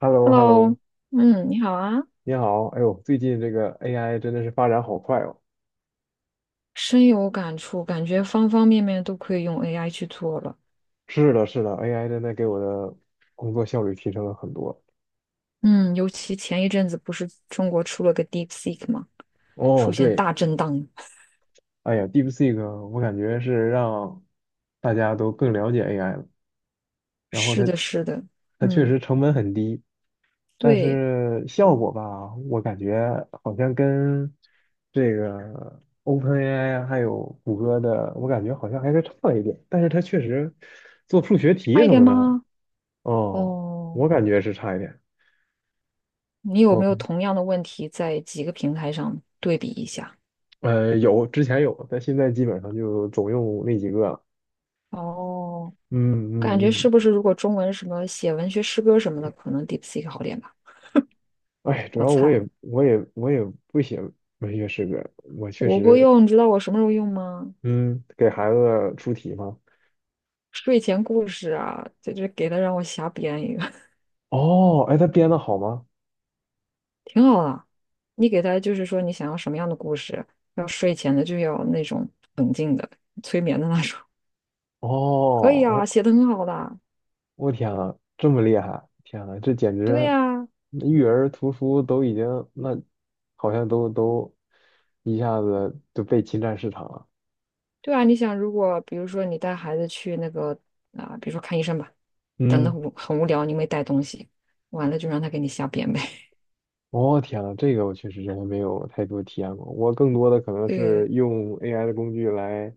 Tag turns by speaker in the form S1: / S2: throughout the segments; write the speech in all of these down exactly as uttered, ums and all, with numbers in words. S1: h e l l o h e l l o
S2: Hello，嗯，你好啊，
S1: 你好。哎呦，最近这个 A I 真的是发展好快哦。
S2: 深有感触，感觉方方面面都可以用 A I 去做了。
S1: 是的，是的，A I 真的给我的工作效率提升了很多。
S2: 嗯，尤其前一阵子不是中国出了个 DeepSeek 吗？出
S1: 哦，
S2: 现
S1: 对，
S2: 大震荡。
S1: 哎呀，DeepSeek，我感觉是让大家都更了解 A I 了。然后
S2: 是
S1: 它，
S2: 的，是的，
S1: 它确
S2: 嗯，
S1: 实成本很低，但
S2: 对，
S1: 是效果吧，我感觉好像跟这个 OpenAI 还有谷歌的，我感觉好像还是差了一点。但是它确实做数学题
S2: 差一
S1: 什
S2: 点
S1: 么的，
S2: 吗？
S1: 哦，
S2: 哦，
S1: 我感觉是差一点。
S2: 你有没
S1: 哦，
S2: 有同样的问题在几个平台上对比一下？
S1: 呃，有，之前有，但现在基本上就总用那几个了。
S2: 哦，
S1: 嗯
S2: 感觉
S1: 嗯
S2: 是
S1: 嗯，
S2: 不是如果中文什么写文学诗歌什么的，可能 DeepSeek 好点吧？
S1: 哎，主
S2: 我
S1: 要我
S2: 猜。
S1: 也我也我也不写文学诗歌，我确
S2: 我会
S1: 实，
S2: 用，你知道我什么时候用吗？
S1: 嗯，给孩子出题嘛。
S2: 睡前故事啊，这就给他让我瞎编一个，
S1: 哦，哎，他编的好吗？
S2: 挺好的。你给他就是说你想要什么样的故事，要睡前的就要那种催眠的那种，
S1: 哦，
S2: 可以啊，写
S1: 我
S2: 的很好的。
S1: 我天呐，这么厉害！天呐，这简
S2: 对
S1: 直
S2: 呀，
S1: 育儿图书都已经那好像都都一下子就被侵占市场了。
S2: 对啊，你想如果比如说你带孩子去那个啊、比如说看医生吧，等的
S1: 嗯。
S2: 无很无聊，你没带东西，完了就让他给你瞎编呗。
S1: 哦，天呐，这个我确实真的没有太多体验过。我更多的可 能是
S2: 对，
S1: 用 A I 的工具来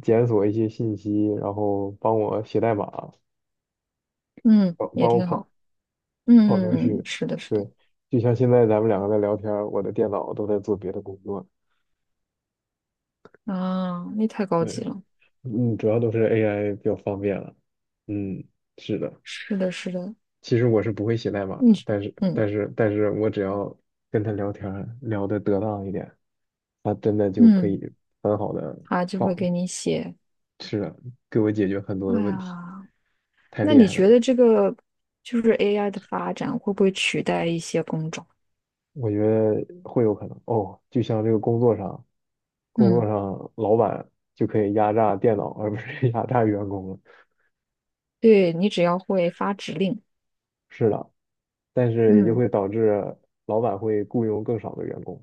S1: 检索一些信息，然后帮我写代码，
S2: 嗯，
S1: 帮
S2: 也
S1: 帮我
S2: 挺
S1: 跑
S2: 好。
S1: 跑程
S2: 嗯，
S1: 序。
S2: 是的，是的，
S1: 对，就像现在咱们两个在聊天儿，我的电脑都在做别的工作。
S2: 啊，那太高级
S1: 对，
S2: 了。
S1: 嗯，主要都是 A I 比较方便了。嗯，是的。
S2: 是的，是的，
S1: 其实我是不会写代码，
S2: 你
S1: 但是
S2: 嗯
S1: 但是但是我只要跟他聊天儿，聊得得当一点，他真的就可
S2: 嗯。
S1: 以很好的。
S2: 它就会给你写。
S1: 是的，给我解决很多
S2: 哎
S1: 的问题，
S2: 呀，
S1: 太
S2: 那
S1: 厉
S2: 你
S1: 害了。
S2: 觉得这个就是 A I 的发展会不会取代一些工种？
S1: 我觉得会有可能哦，就像这个工作上，工作
S2: 嗯，
S1: 上老板就可以压榨电脑，而不是 压榨员工了。
S2: 对，你只要会发指令，
S1: 是的，但是也就
S2: 嗯，
S1: 会导致老板会雇佣更少的员工，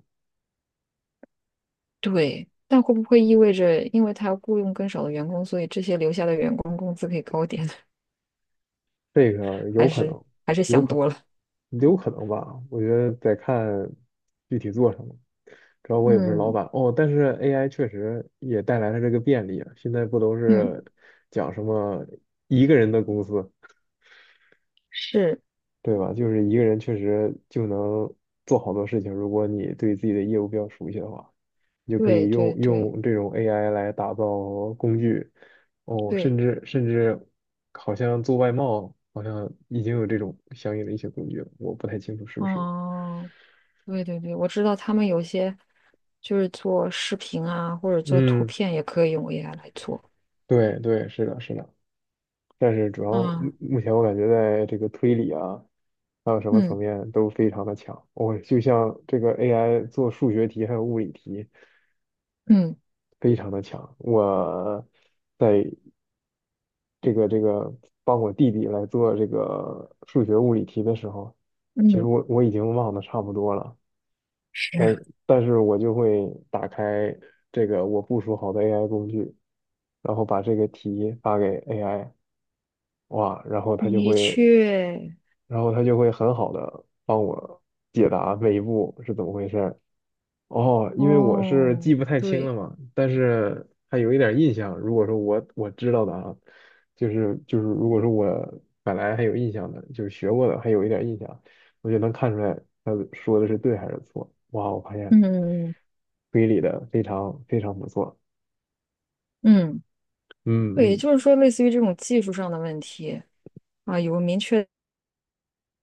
S2: 对。但会不会意味着，因为他要雇佣更少的员工，所以这些留下的员工工资可以高点？
S1: 这个
S2: 还
S1: 有可
S2: 是
S1: 能，
S2: 还是
S1: 有
S2: 想
S1: 可
S2: 多了？
S1: 能，有可能吧？我觉得得看具体做什么。主要我也不是老
S2: 嗯
S1: 板哦，但是 A I 确实也带来了这个便利啊。现在不都
S2: 嗯，
S1: 是讲什么一个人的公司？
S2: 是，
S1: 对吧？就是一个人确实就能做好多事情，如果你对自己的业务比较熟悉的话，你就可
S2: 对
S1: 以
S2: 对
S1: 用
S2: 对
S1: 用这种 A I 来打造工具，哦，
S2: 对，
S1: 甚至甚至好像做外贸，好像已经有这种相应的一些工具了，我不太清楚是不是。
S2: 哦，对对对，我知道他们有些就是做视频啊，或者做图
S1: 嗯，
S2: 片也可以用 A I 来做。
S1: 对对，是的，是的。但是主要目
S2: 啊，
S1: 目前我感觉在这个推理啊，还有什么层
S2: 嗯
S1: 面都非常的强。我、就像这个 A I 做数学题还有物理题。
S2: 嗯
S1: 非常的强。我在这个这个帮我弟弟来做这个数学物理题的时候，其实
S2: 嗯，
S1: 我我已经忘得差不多了，
S2: 是啊，
S1: 但 但是我就会打开这个我部署好的 A I 工具，然后把这个题发给 A I，哇，然后它就
S2: 的
S1: 会，
S2: 确，
S1: 然后它就会很好的帮我解答每一步是怎么回事。哦，因为我是记
S2: 哦，
S1: 不太清了
S2: 对，
S1: 嘛，但是还有一点印象。如果说我我知道的啊，就是就是，如果说我本来还有印象的，就是学过的还有一点印象，我就能看出来他说的是对还是错。哇，我发现
S2: 嗯
S1: 推理的非常非常不错。
S2: 嗯
S1: 嗯
S2: 对，也
S1: 嗯
S2: 就是说，类似于这种技术上的问题啊，有个明确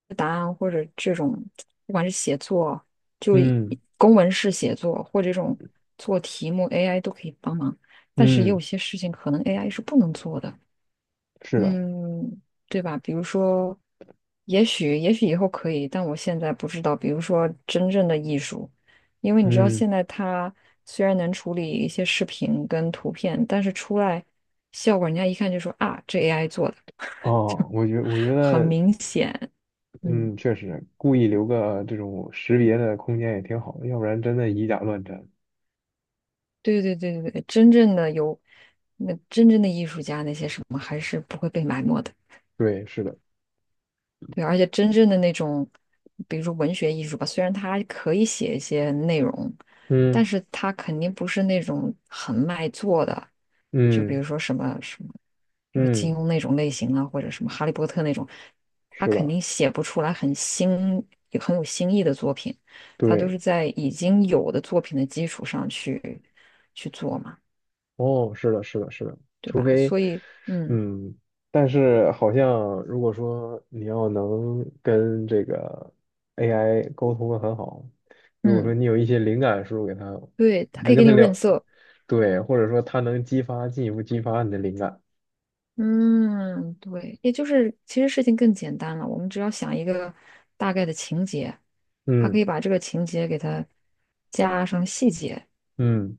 S2: 的答案，或者这种不管是写作，就以
S1: 嗯
S2: 公文式写作，或者这种做题目，A I 都可以帮忙。但是也有
S1: 嗯，
S2: 些事情可能 A I 是不能做的。
S1: 是的，
S2: 嗯，对吧？比如说，也许也许以后可以，但我现在不知道。比如说，真正的艺术，因为你知道，
S1: 嗯
S2: 现在它虽然能处理一些视频跟图片，但是出来效果，人家一看就说啊，这 A I 做的，
S1: 哦，我觉我觉
S2: 很
S1: 得
S2: 明显。嗯，
S1: 嗯，确实故意留个这种识别的空间也挺好的，要不然真的以假乱真。
S2: 对对对对对，真正的有那真正的艺术家那些什么，还是不会被埋没的。
S1: 对，是的。
S2: 对，而且真正的那种，比如说文学艺术吧，虽然它可以写一些内容，但
S1: 嗯
S2: 是它肯定不是那种很卖座的，就比
S1: 嗯
S2: 如说什么什么，比如说金
S1: 嗯，
S2: 庸那种类型啊，或者什么哈利波特那种，他
S1: 是
S2: 肯
S1: 的，
S2: 定写不出来很新、有很有新意的作品，他都
S1: 对，
S2: 是在已经有的作品的基础上去去做嘛，
S1: 哦，是的，是的，是的，
S2: 对
S1: 除
S2: 吧？
S1: 非，
S2: 所以，嗯
S1: 嗯，但是好像如果说你要能跟这个 A I 沟通的很好，如果说
S2: 嗯，
S1: 你有一些灵感输入给他，
S2: 对，他可
S1: 能
S2: 以
S1: 跟
S2: 给
S1: 他
S2: 你润
S1: 聊，
S2: 色。
S1: 对，或者说他能激发，进一步激发你的灵感，
S2: 嗯，对，也就是其实事情更简单了，我们只要想一个大概的情节，还可
S1: 嗯
S2: 以把这个情节给它加上细节，
S1: 嗯。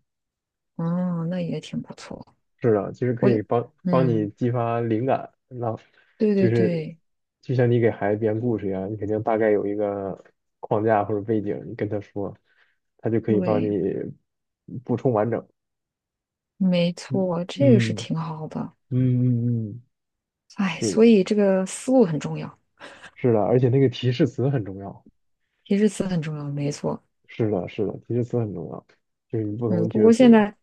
S2: 哦，那也挺不错。
S1: 是的，其实可
S2: 我，
S1: 以帮帮你
S2: 嗯，
S1: 激发灵感。让
S2: 对
S1: 就
S2: 对
S1: 是
S2: 对
S1: 就像你给孩子编故事一样，你肯定大概有一个框架或者背景，你跟他说，他就可以帮你
S2: 对，
S1: 补充完整。
S2: 没
S1: 嗯
S2: 错，这个是
S1: 嗯
S2: 挺好的。
S1: 嗯嗯嗯，
S2: 哎，
S1: 是
S2: 所
S1: 的，
S2: 以这个思路很重要，
S1: 是的，而且那个提示词很重要。
S2: 提示词很重要，没错。
S1: 是的，是的，提示词很重要，就是你不同
S2: 嗯，
S1: 的提
S2: 不
S1: 示
S2: 过现
S1: 词。
S2: 在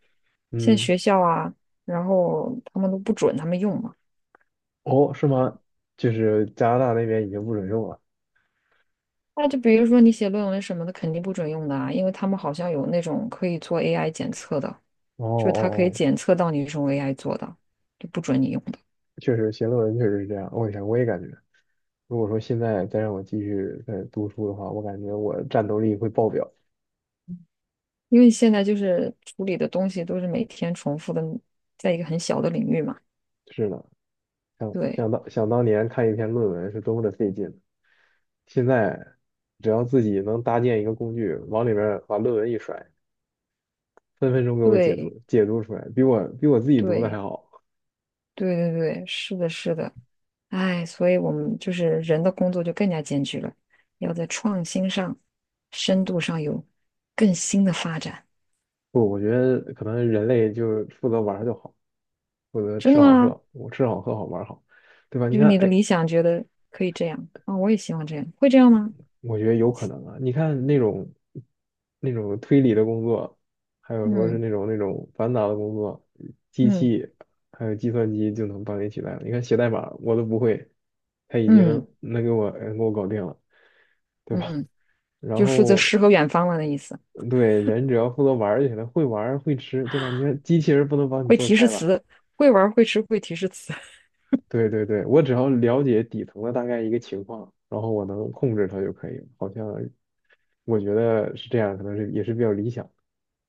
S2: 现在
S1: 嗯，
S2: 学校啊，然后他们都不准他们用嘛。
S1: 哦，是吗？就是加拿大那边已经不准用了。
S2: 那就比如说你写论文什么的，肯定不准用的啊，因为他们好像有那种可以做 A I 检测的，
S1: 哦哦
S2: 就是它可以
S1: 哦
S2: 检测到你是用 A I 做的，就不准你用的，
S1: 确实写论文确实是这样，我想我也感觉，如果说现在再让我继续再读书的话，我感觉我战斗力会爆表。
S2: 因为现在就是处理的东西都是每天重复的，在一个很小的领域嘛。
S1: 是的，想
S2: 对
S1: 想当想当年看一篇论文是多么的费劲，现在只要自己能搭建一个工具，往里面把论文一甩，分分钟给我解
S2: 对
S1: 读解读出来，比我比我自己读的还
S2: 对
S1: 好。
S2: 对对对，是的，是的，哎，所以我们就是人的工作就更加艰巨了，要在创新上、深度上有更新的发展。
S1: 不，我觉得可能人类就负责玩儿就好，负责
S2: 真
S1: 吃
S2: 的
S1: 好
S2: 吗？
S1: 喝，我吃好喝好玩儿好，对吧？你
S2: 就是
S1: 看，
S2: 你的
S1: 哎，
S2: 理想觉得可以这样啊、我也希望这样，会这样吗？
S1: 我觉得有可能啊。你看那种那种推理的工作，还有说是
S2: 嗯
S1: 那种那种繁杂的工作，机
S2: 嗯
S1: 器还有计算机就能帮你取代了。你看写代码我都不会，他已经
S2: 嗯
S1: 能给我能给我搞定了，对吧？
S2: 嗯，
S1: 然
S2: 就负责
S1: 后
S2: 诗和远方了的意思，
S1: 对人只要负责玩儿就行了，会玩儿会吃，对吧？你看机器人不能帮你
S2: 会
S1: 做
S2: 提示
S1: 菜吧？
S2: 词，会玩儿会吃会提示词，
S1: 对对对，我只要了解底层的大概一个情况，然后我能控制它就可以了。好像我觉得是这样，可能是也是比较理想。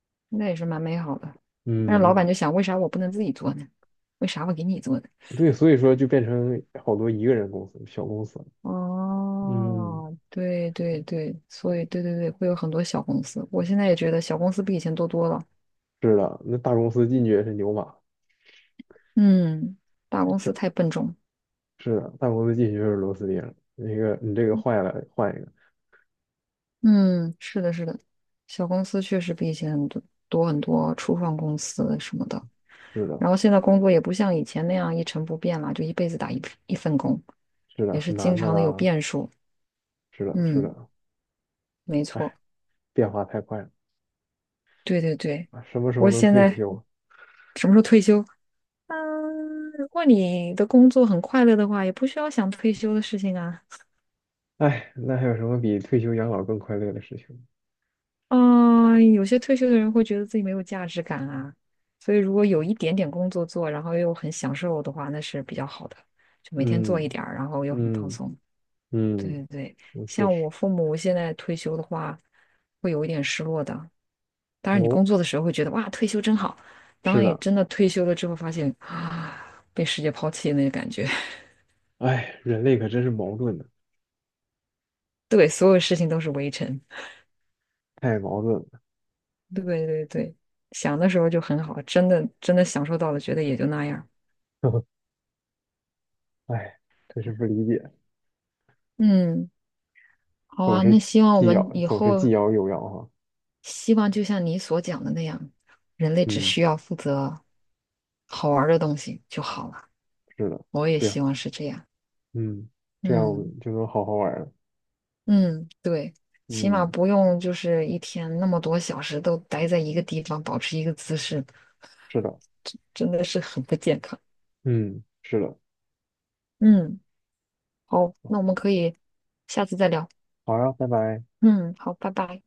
S2: 那也是蛮美好的。但
S1: 嗯
S2: 是老板
S1: 嗯，
S2: 就想，为啥我不能自己做呢？为啥我给你做呢？
S1: 对，所以说就变成好多一个人公司、小公司。嗯，
S2: 哦，对对对，所以对对对，会有很多小公司。我现在也觉得小公司比以前多多了。
S1: 是的，那大公司进去也是牛马，
S2: 嗯，大公司太
S1: 小
S2: 笨重了
S1: 是的，大公司进去就是螺丝钉儿。那个你这个坏了，换一个。
S2: 嗯，是的，是的，小公司确实比以前很多多很多，初创公司什么的。
S1: 是的，
S2: 然后现在工作也不像以前那样一成不变了，就一辈子打一一份工，
S1: 是的，
S2: 也
S1: 很
S2: 是经
S1: 难的
S2: 常的有
S1: 啦。
S2: 变数。
S1: 是的，是的，
S2: 嗯，没错，
S1: 哎，变化太快了
S2: 对对对。
S1: 啊！什么时候
S2: 我
S1: 能
S2: 现
S1: 退
S2: 在
S1: 休啊？
S2: 什么时候退休？嗯，如果你的工作很快乐的话，也不需要想退休的事情啊。
S1: 哎，那还有什么比退休养老更快乐的事情
S2: 嗯，有些退休的人会觉得自己没有价值感啊，所以如果有一点点工作做，然后又很享受的话，那是比较好的。就每天做
S1: 嗯
S2: 一点儿，然后又很放
S1: 嗯
S2: 松。对
S1: 嗯，
S2: 对对，
S1: 那确
S2: 像
S1: 实
S2: 我父母现在退休的话，会有一点失落的。当然，你工
S1: 哦，
S2: 作的时候会觉得哇，退休真好。当
S1: 是
S2: 你
S1: 的，
S2: 真的退休了之后，发现啊，被世界抛弃的那个感觉。
S1: 哎，人类可真是矛盾的，
S2: 对，所有事情都是围城。
S1: 太矛盾了。
S2: 对对对，想的时候就很好，真的真的享受到了，觉得也就那样。
S1: 哎，就是不理解，
S2: 嗯。好
S1: 总
S2: 啊，
S1: 是
S2: 那希望我
S1: 既要
S2: 们以
S1: 总是既
S2: 后
S1: 要又要哈。
S2: 希望就像你所讲的那样，人类只
S1: 嗯，
S2: 需要负责好玩儿的东西就好了。
S1: 是的，
S2: 我也
S1: 对呀，
S2: 希望是这样。
S1: 嗯，这样我
S2: 嗯
S1: 们就能好好玩了。
S2: 嗯，对，起码
S1: 嗯，
S2: 不用就是一天那么多小时都待在一个地方，保持一个姿势，
S1: 是的，
S2: 真的是很不健康。
S1: 嗯，是的，
S2: 嗯，好，那我们可以下次再聊。
S1: 好呀，拜拜。
S2: 嗯，好，拜拜。